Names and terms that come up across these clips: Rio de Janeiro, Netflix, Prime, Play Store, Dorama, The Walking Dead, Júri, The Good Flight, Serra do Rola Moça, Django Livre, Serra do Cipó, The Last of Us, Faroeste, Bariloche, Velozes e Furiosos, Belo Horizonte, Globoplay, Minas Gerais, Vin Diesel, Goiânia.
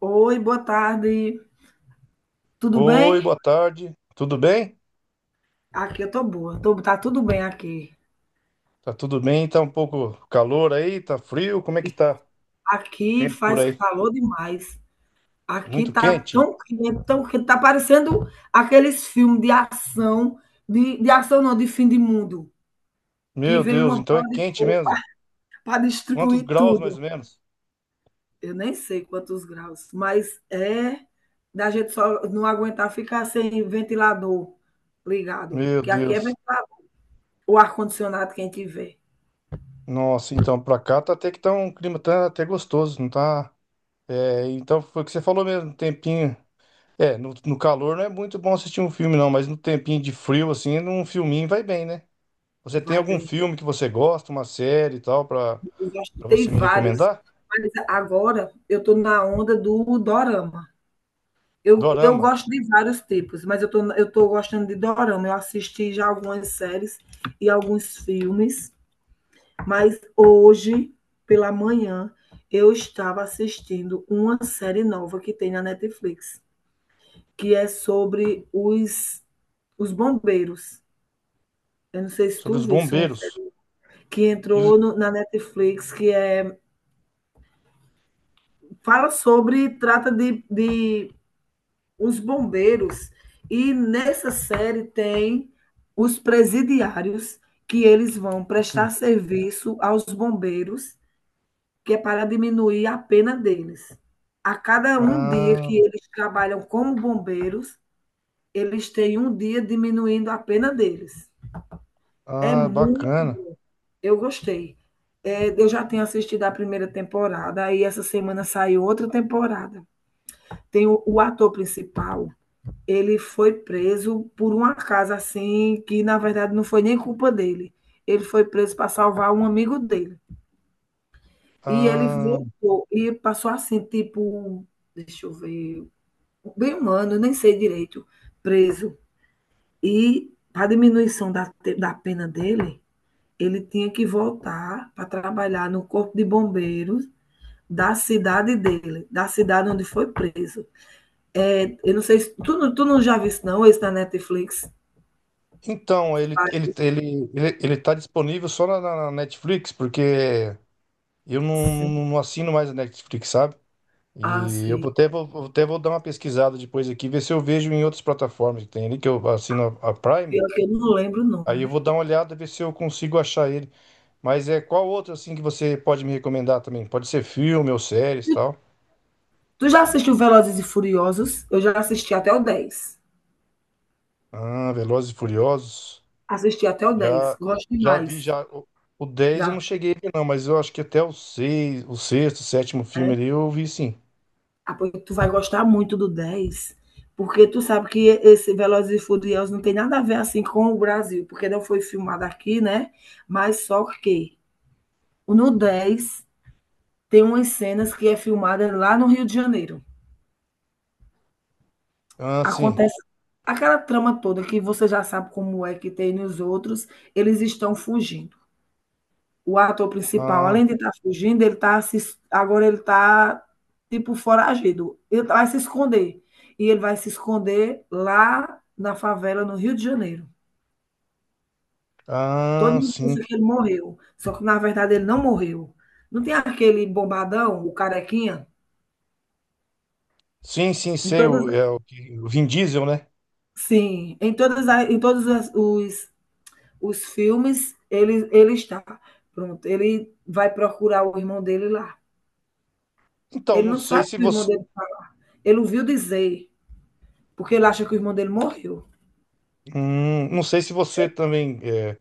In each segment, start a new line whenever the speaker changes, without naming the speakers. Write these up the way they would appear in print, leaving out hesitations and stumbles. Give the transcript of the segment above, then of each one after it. Oi, boa tarde. Tudo
Oi,
bem?
boa tarde. Tudo bem?
Aqui eu tô boa. Tá tudo bem aqui.
Tá tudo bem? Tá um pouco calor aí? Tá frio? Como é que tá o
Aqui
tempo por
faz
aí?
calor demais. Aqui
Muito
tá
quente?
tão quente, tão quente. Tá parecendo aqueles filmes de ação não, de fim de mundo, que
Meu
vem
Deus,
uma
então é
bola de
quente
fogo
mesmo.
para
Quantos
destruir
graus mais
tudo.
ou menos?
Eu nem sei quantos graus, mas é da gente só não aguentar ficar sem ventilador ligado.
Meu
Que aqui é
Deus.
ventilador. O ar-condicionado, quem tiver,
Nossa, então pra cá tá até que tá um clima tá até gostoso, não tá? É, então foi o que você falou mesmo, um tempinho. É, no calor não é muito bom assistir um filme não, mas no tempinho de frio assim, num filminho vai bem, né? Você tem
vai
algum
bem.
filme que você gosta, uma série e tal pra
Eu já
para
escutei
você me
vários,
recomendar?
mas agora eu estou na onda do dorama. Eu
Dorama.
gosto de vários tipos, mas eu tô gostando de dorama. Eu assisti já algumas séries e alguns filmes, mas hoje, pela manhã, eu estava assistindo uma série nova que tem na Netflix, que é sobre os bombeiros. Eu não sei se
Sobre
tu
os
viste uma
bombeiros.
série que
E os-
entrou na Netflix, que é, fala sobre, trata de os bombeiros, e nessa série tem os presidiários, que eles vão prestar serviço aos bombeiros, que é para diminuir a pena deles. A cada um dia que
Ah,
eles trabalham como bombeiros, eles têm um dia diminuindo a pena deles. É
ah,
muito.
bacana.
Eu gostei. É, eu já tenho assistido a primeira temporada, aí essa semana saiu outra temporada. Tem o ator principal. Ele foi preso por um acaso assim, que na verdade não foi nem culpa dele. Ele foi preso para salvar um amigo dele. E ele
Ah,
voltou e passou assim, tipo, deixa eu ver, bem um ano, nem sei direito, preso. E para diminuição da pena dele, ele tinha que voltar para trabalhar no corpo de bombeiros da cidade dele, da cidade onde foi preso. É, eu não sei se tu, tu não já viu não, esse na Netflix.
então, ele, ele,
Faz-
ele, ele, ele tá disponível só na Netflix, porque eu não,
assim.
não, não assino mais a Netflix, sabe?
Ah,
E eu
sei.
vou dar uma pesquisada depois aqui, ver se eu vejo em outras plataformas que tem ali, que eu assino a Prime.
Pior que eu não lembro o
Aí eu
nome.
vou dar uma olhada, ver se eu consigo achar ele. Mas é qual outro, assim, que você pode me recomendar também? Pode ser filme ou séries e tal.
Tu já assistiu Velozes e Furiosos? Eu já assisti até o 10.
Ah, Velozes e Furiosos.
Assisti até o 10.
Já,
Gosto
já vi,
demais.
já. O 10 eu
Já,
não cheguei a ver, não, mas eu acho que até o 6 o sexto, sétimo filme
né?
ali eu vi sim.
Ah, pois tu vai gostar muito do 10, porque tu sabe que esse Velozes e Furiosos não tem nada a ver assim com o Brasil, porque não foi filmado aqui, né? Mas só que no 10 tem umas cenas que é filmada lá no Rio de Janeiro.
Ah, sim.
Acontece aquela trama toda que você já sabe como é que tem nos outros, eles estão fugindo. O ator principal,
Ah,
além de estar fugindo, ele tá se, agora ele está tipo foragido. Ele vai se esconder. E ele vai se esconder lá na favela no Rio de Janeiro. Todo
ah,
mundo
sim.
pensa que ele morreu, só que na verdade ele não morreu. Não tem aquele bombadão, o carequinha?
Sim, sim,
Em
sei
todas,
o o Vin Diesel, né?
sim, em todos os filmes ele está. Pronto, ele vai procurar o irmão dele lá.
Então,
Ele
não
não
sei
sabe
se
que o irmão
você.
dele, ele ouviu dizer. Porque ele acha que o irmão dele morreu.
Não sei se você também. É,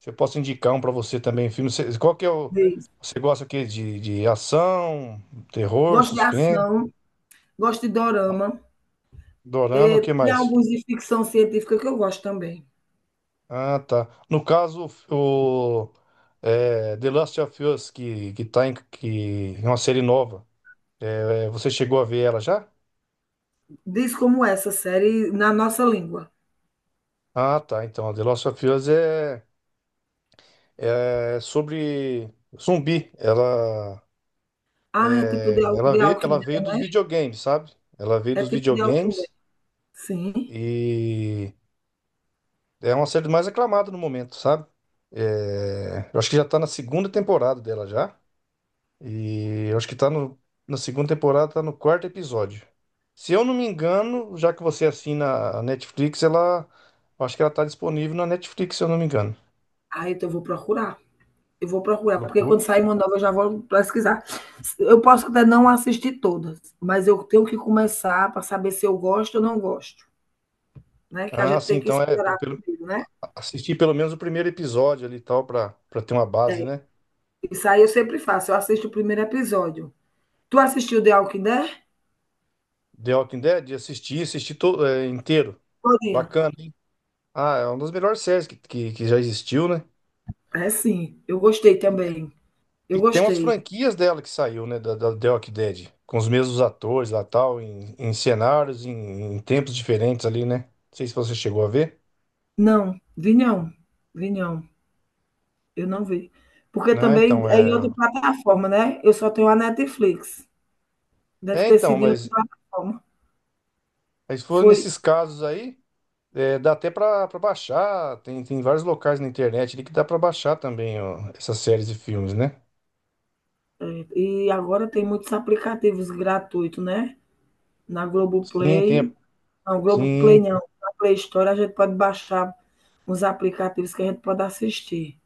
se eu posso indicar um pra você também, filme. Qual que é o.
Diz.
Você gosta de ação, terror,
Gosto de
suspense,
ação, gosto de
ah,
dorama.
dorama, o
É,
que
tem
mais?
alguns de ficção científica que eu gosto também.
Ah, tá. No caso, The Last of Us, que tá em que, é uma série nova, você chegou a ver ela já?
Diz como essa série na nossa língua.
Ah, tá. Então, The Last of Us é sobre zumbi. Ela,
Ah, é tipo
é,
de, Al-
ela
de
veio,
Alckmin,
ela veio dos
né?
videogames, sabe? Ela veio
É
dos
tipo de Alckmin.
videogames
Sim.
e é uma série mais aclamada no momento, sabe? É, eu acho que já tá na segunda temporada dela já. E eu acho que tá no, na segunda temporada, tá no quarto episódio. Se eu não me engano, já que você assina a Netflix, ela. Eu acho que ela tá disponível na Netflix, se eu não me engano.
Ah, então eu vou procurar. Eu vou procurar, porque
Procura.
quando sair uma nova eu já vou pesquisar. Eu posso até não assistir todas, mas eu tenho que começar para saber se eu gosto ou não gosto, né? Que a
Ah,
gente
sim,
tem que
então é.
explorar primeiro, né?
Assistir pelo menos o primeiro episódio ali e tal, pra ter uma base,
É.
né?
Isso aí eu sempre faço, eu assisto o primeiro episódio. Tu assistiu The Walking Dead?
The Walking Dead, assisti inteiro.
Todinha.
Bacana, hein? Ah, é uma das melhores séries que já existiu, né?
É sim, eu gostei também. Eu
E tem umas
gostei.
franquias dela que saiu, né? Da The Walking Dead. Com os mesmos atores lá tal, em cenários, em tempos diferentes ali, né? Não sei se você chegou a ver.
Não, vi não. Vi não. Eu não vi. Porque
Ah,
também
então,
é em outra
é.
plataforma, né? Eu só tenho a Netflix. Deve
É,
ter
então,
sido em outra
mas,
plataforma.
mas se for
Foi.
nesses casos aí, dá até pra baixar. Tem vários locais na internet ali que dá pra baixar também, ó, essas séries e filmes, né?
É. E agora tem muitos aplicativos gratuitos, né? Na
Sim, tem.
Globoplay. Não, Globoplay
Sim,
não. Na Play Store a gente pode baixar uns aplicativos que a gente pode assistir.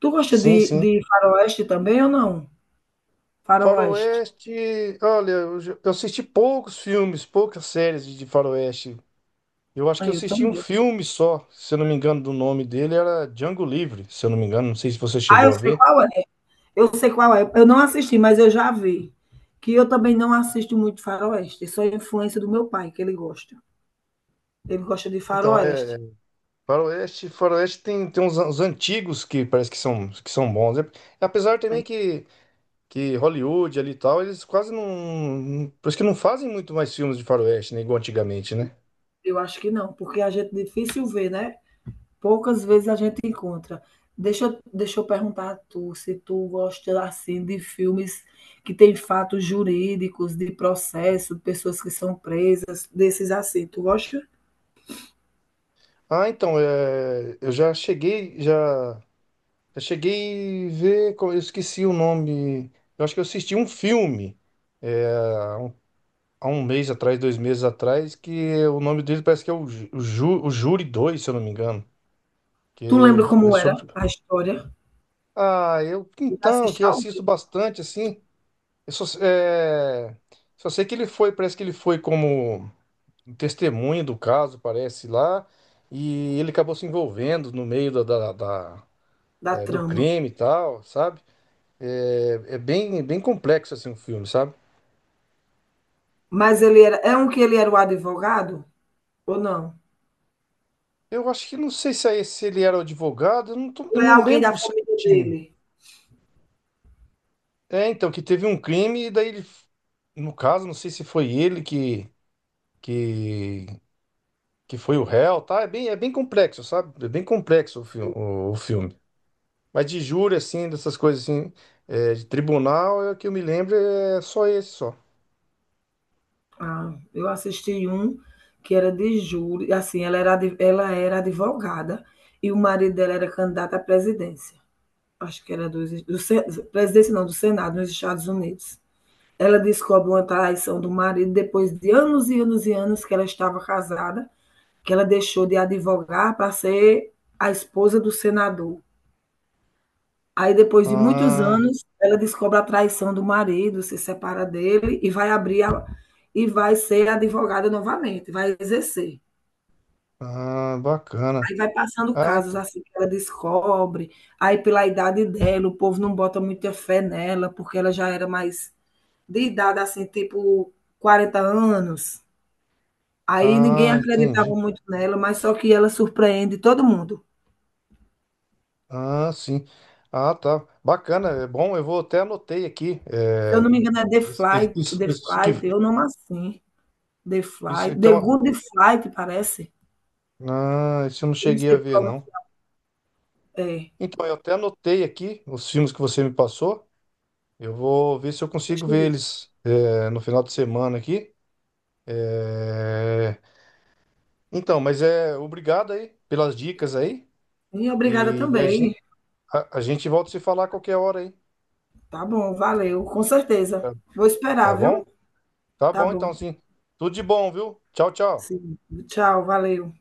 Tu gosta
sim, sim.
de faroeste também ou não? Faroeste.
Faroeste, olha, eu assisti poucos filmes, poucas séries de Faroeste. Eu acho que eu
Aí eu
assisti um
também.
filme só, se eu não me engano, do nome dele era Django Livre, se eu não me engano, não sei se você
Ah,
chegou
eu
a
sei
ver.
qual é. Eu sei qual é. Eu não assisti, mas eu já vi. Que eu também não assisto muito faroeste. Isso é influência do meu pai, que ele gosta. Ele gosta de
Então,
faroeste.
Faroeste tem uns antigos que parece que são bons. É, apesar também
Aí,
que Hollywood ali e tal, eles quase não, parece que não fazem muito mais filmes de Faroeste, né, igual antigamente, né?
eu acho que não, porque a gente é difícil ver, né? Poucas vezes a gente encontra. Deixa, deixa eu perguntar a tu se tu gosta assim de filmes que tem fatos jurídicos, de processo, pessoas que são presas, desses assim. Tu gosta?
Ah, então, eu já cheguei a ver, eu esqueci o nome. Eu acho que eu assisti um filme. Há um mês atrás, 2 meses atrás, que o nome dele parece que é o Júri 2 se eu não me engano.
Tu
Que
lembra
é
como era
sobre.
a história?
Ah, eu.
Eu já
Então, que
assisti
eu
ao
assisto
vivo
bastante, assim. Eu só sei que ele foi, parece que ele foi como testemunha do caso, parece lá. E ele acabou se envolvendo no meio
da
do
trama.
crime e tal, sabe? É, é bem, bem complexo, assim, o filme, sabe?
Mas ele era. É um que ele era o advogado? Ou não?
Eu acho que não sei se, é esse, se ele era o advogado, eu não,
Ou
eu
é
não
alguém da
lembro
família
certinho.
dele?
É, então, que teve um crime e daí ele, no caso, não sei se foi ele que, que foi o réu, tá? É bem complexo, sabe? É bem complexo o filme. Mas de júri, assim, dessas coisas assim, de tribunal, é o que eu me lembro é só esse, só.
Ah, eu assisti um que era de júri. Assim, ela era, ela era advogada e o marido dela era candidato à presidência. Acho que era dos, do, Sen- presidência, não, do Senado, nos Estados Unidos. Ela descobre uma traição do marido depois de anos e anos e anos que ela estava casada, que ela deixou de advogar para ser a esposa do senador. Aí, depois de muitos
Ah,
anos, ela descobre a traição do marido, se separa dele e vai abrir a, e vai ser advogada novamente, vai exercer.
ah, bacana.
Aí vai passando
Ah,
casos
então.
assim que ela descobre. Aí, pela idade dela, o povo não bota muita fé nela, porque ela já era mais de idade, assim, tipo 40 anos. Aí ninguém
Ah,
acreditava
entendi.
muito nela, mas só que ela surpreende todo mundo.
Ah, sim. Ah, tá. Bacana, é bom. Eu vou até anotei aqui.
Se eu não me engano, é The
Isso, isso,
Flight,
isso,
The
isso
Flight, eu não assim. The
isso,
Flight, The
então.
Good Flight, parece.
Ah, isso eu não
Eu não
cheguei a
sei
ver,
como
não.
é.
Então, eu até anotei aqui os filmes que você me passou. Eu vou ver se eu consigo
Deixa eu
ver
ver.
eles no final de semana aqui. É, então, mas é obrigado aí pelas dicas aí.
E obrigada
E a
também.
gente, a, a gente volta a se falar a qualquer hora aí.
Tá bom, valeu, com certeza.
Tá,
Vou esperar,
tá bom?
viu?
Tá
Tá
bom, então
bom.
sim. Tudo de bom, viu? Tchau, tchau.
Sim. Tchau, valeu.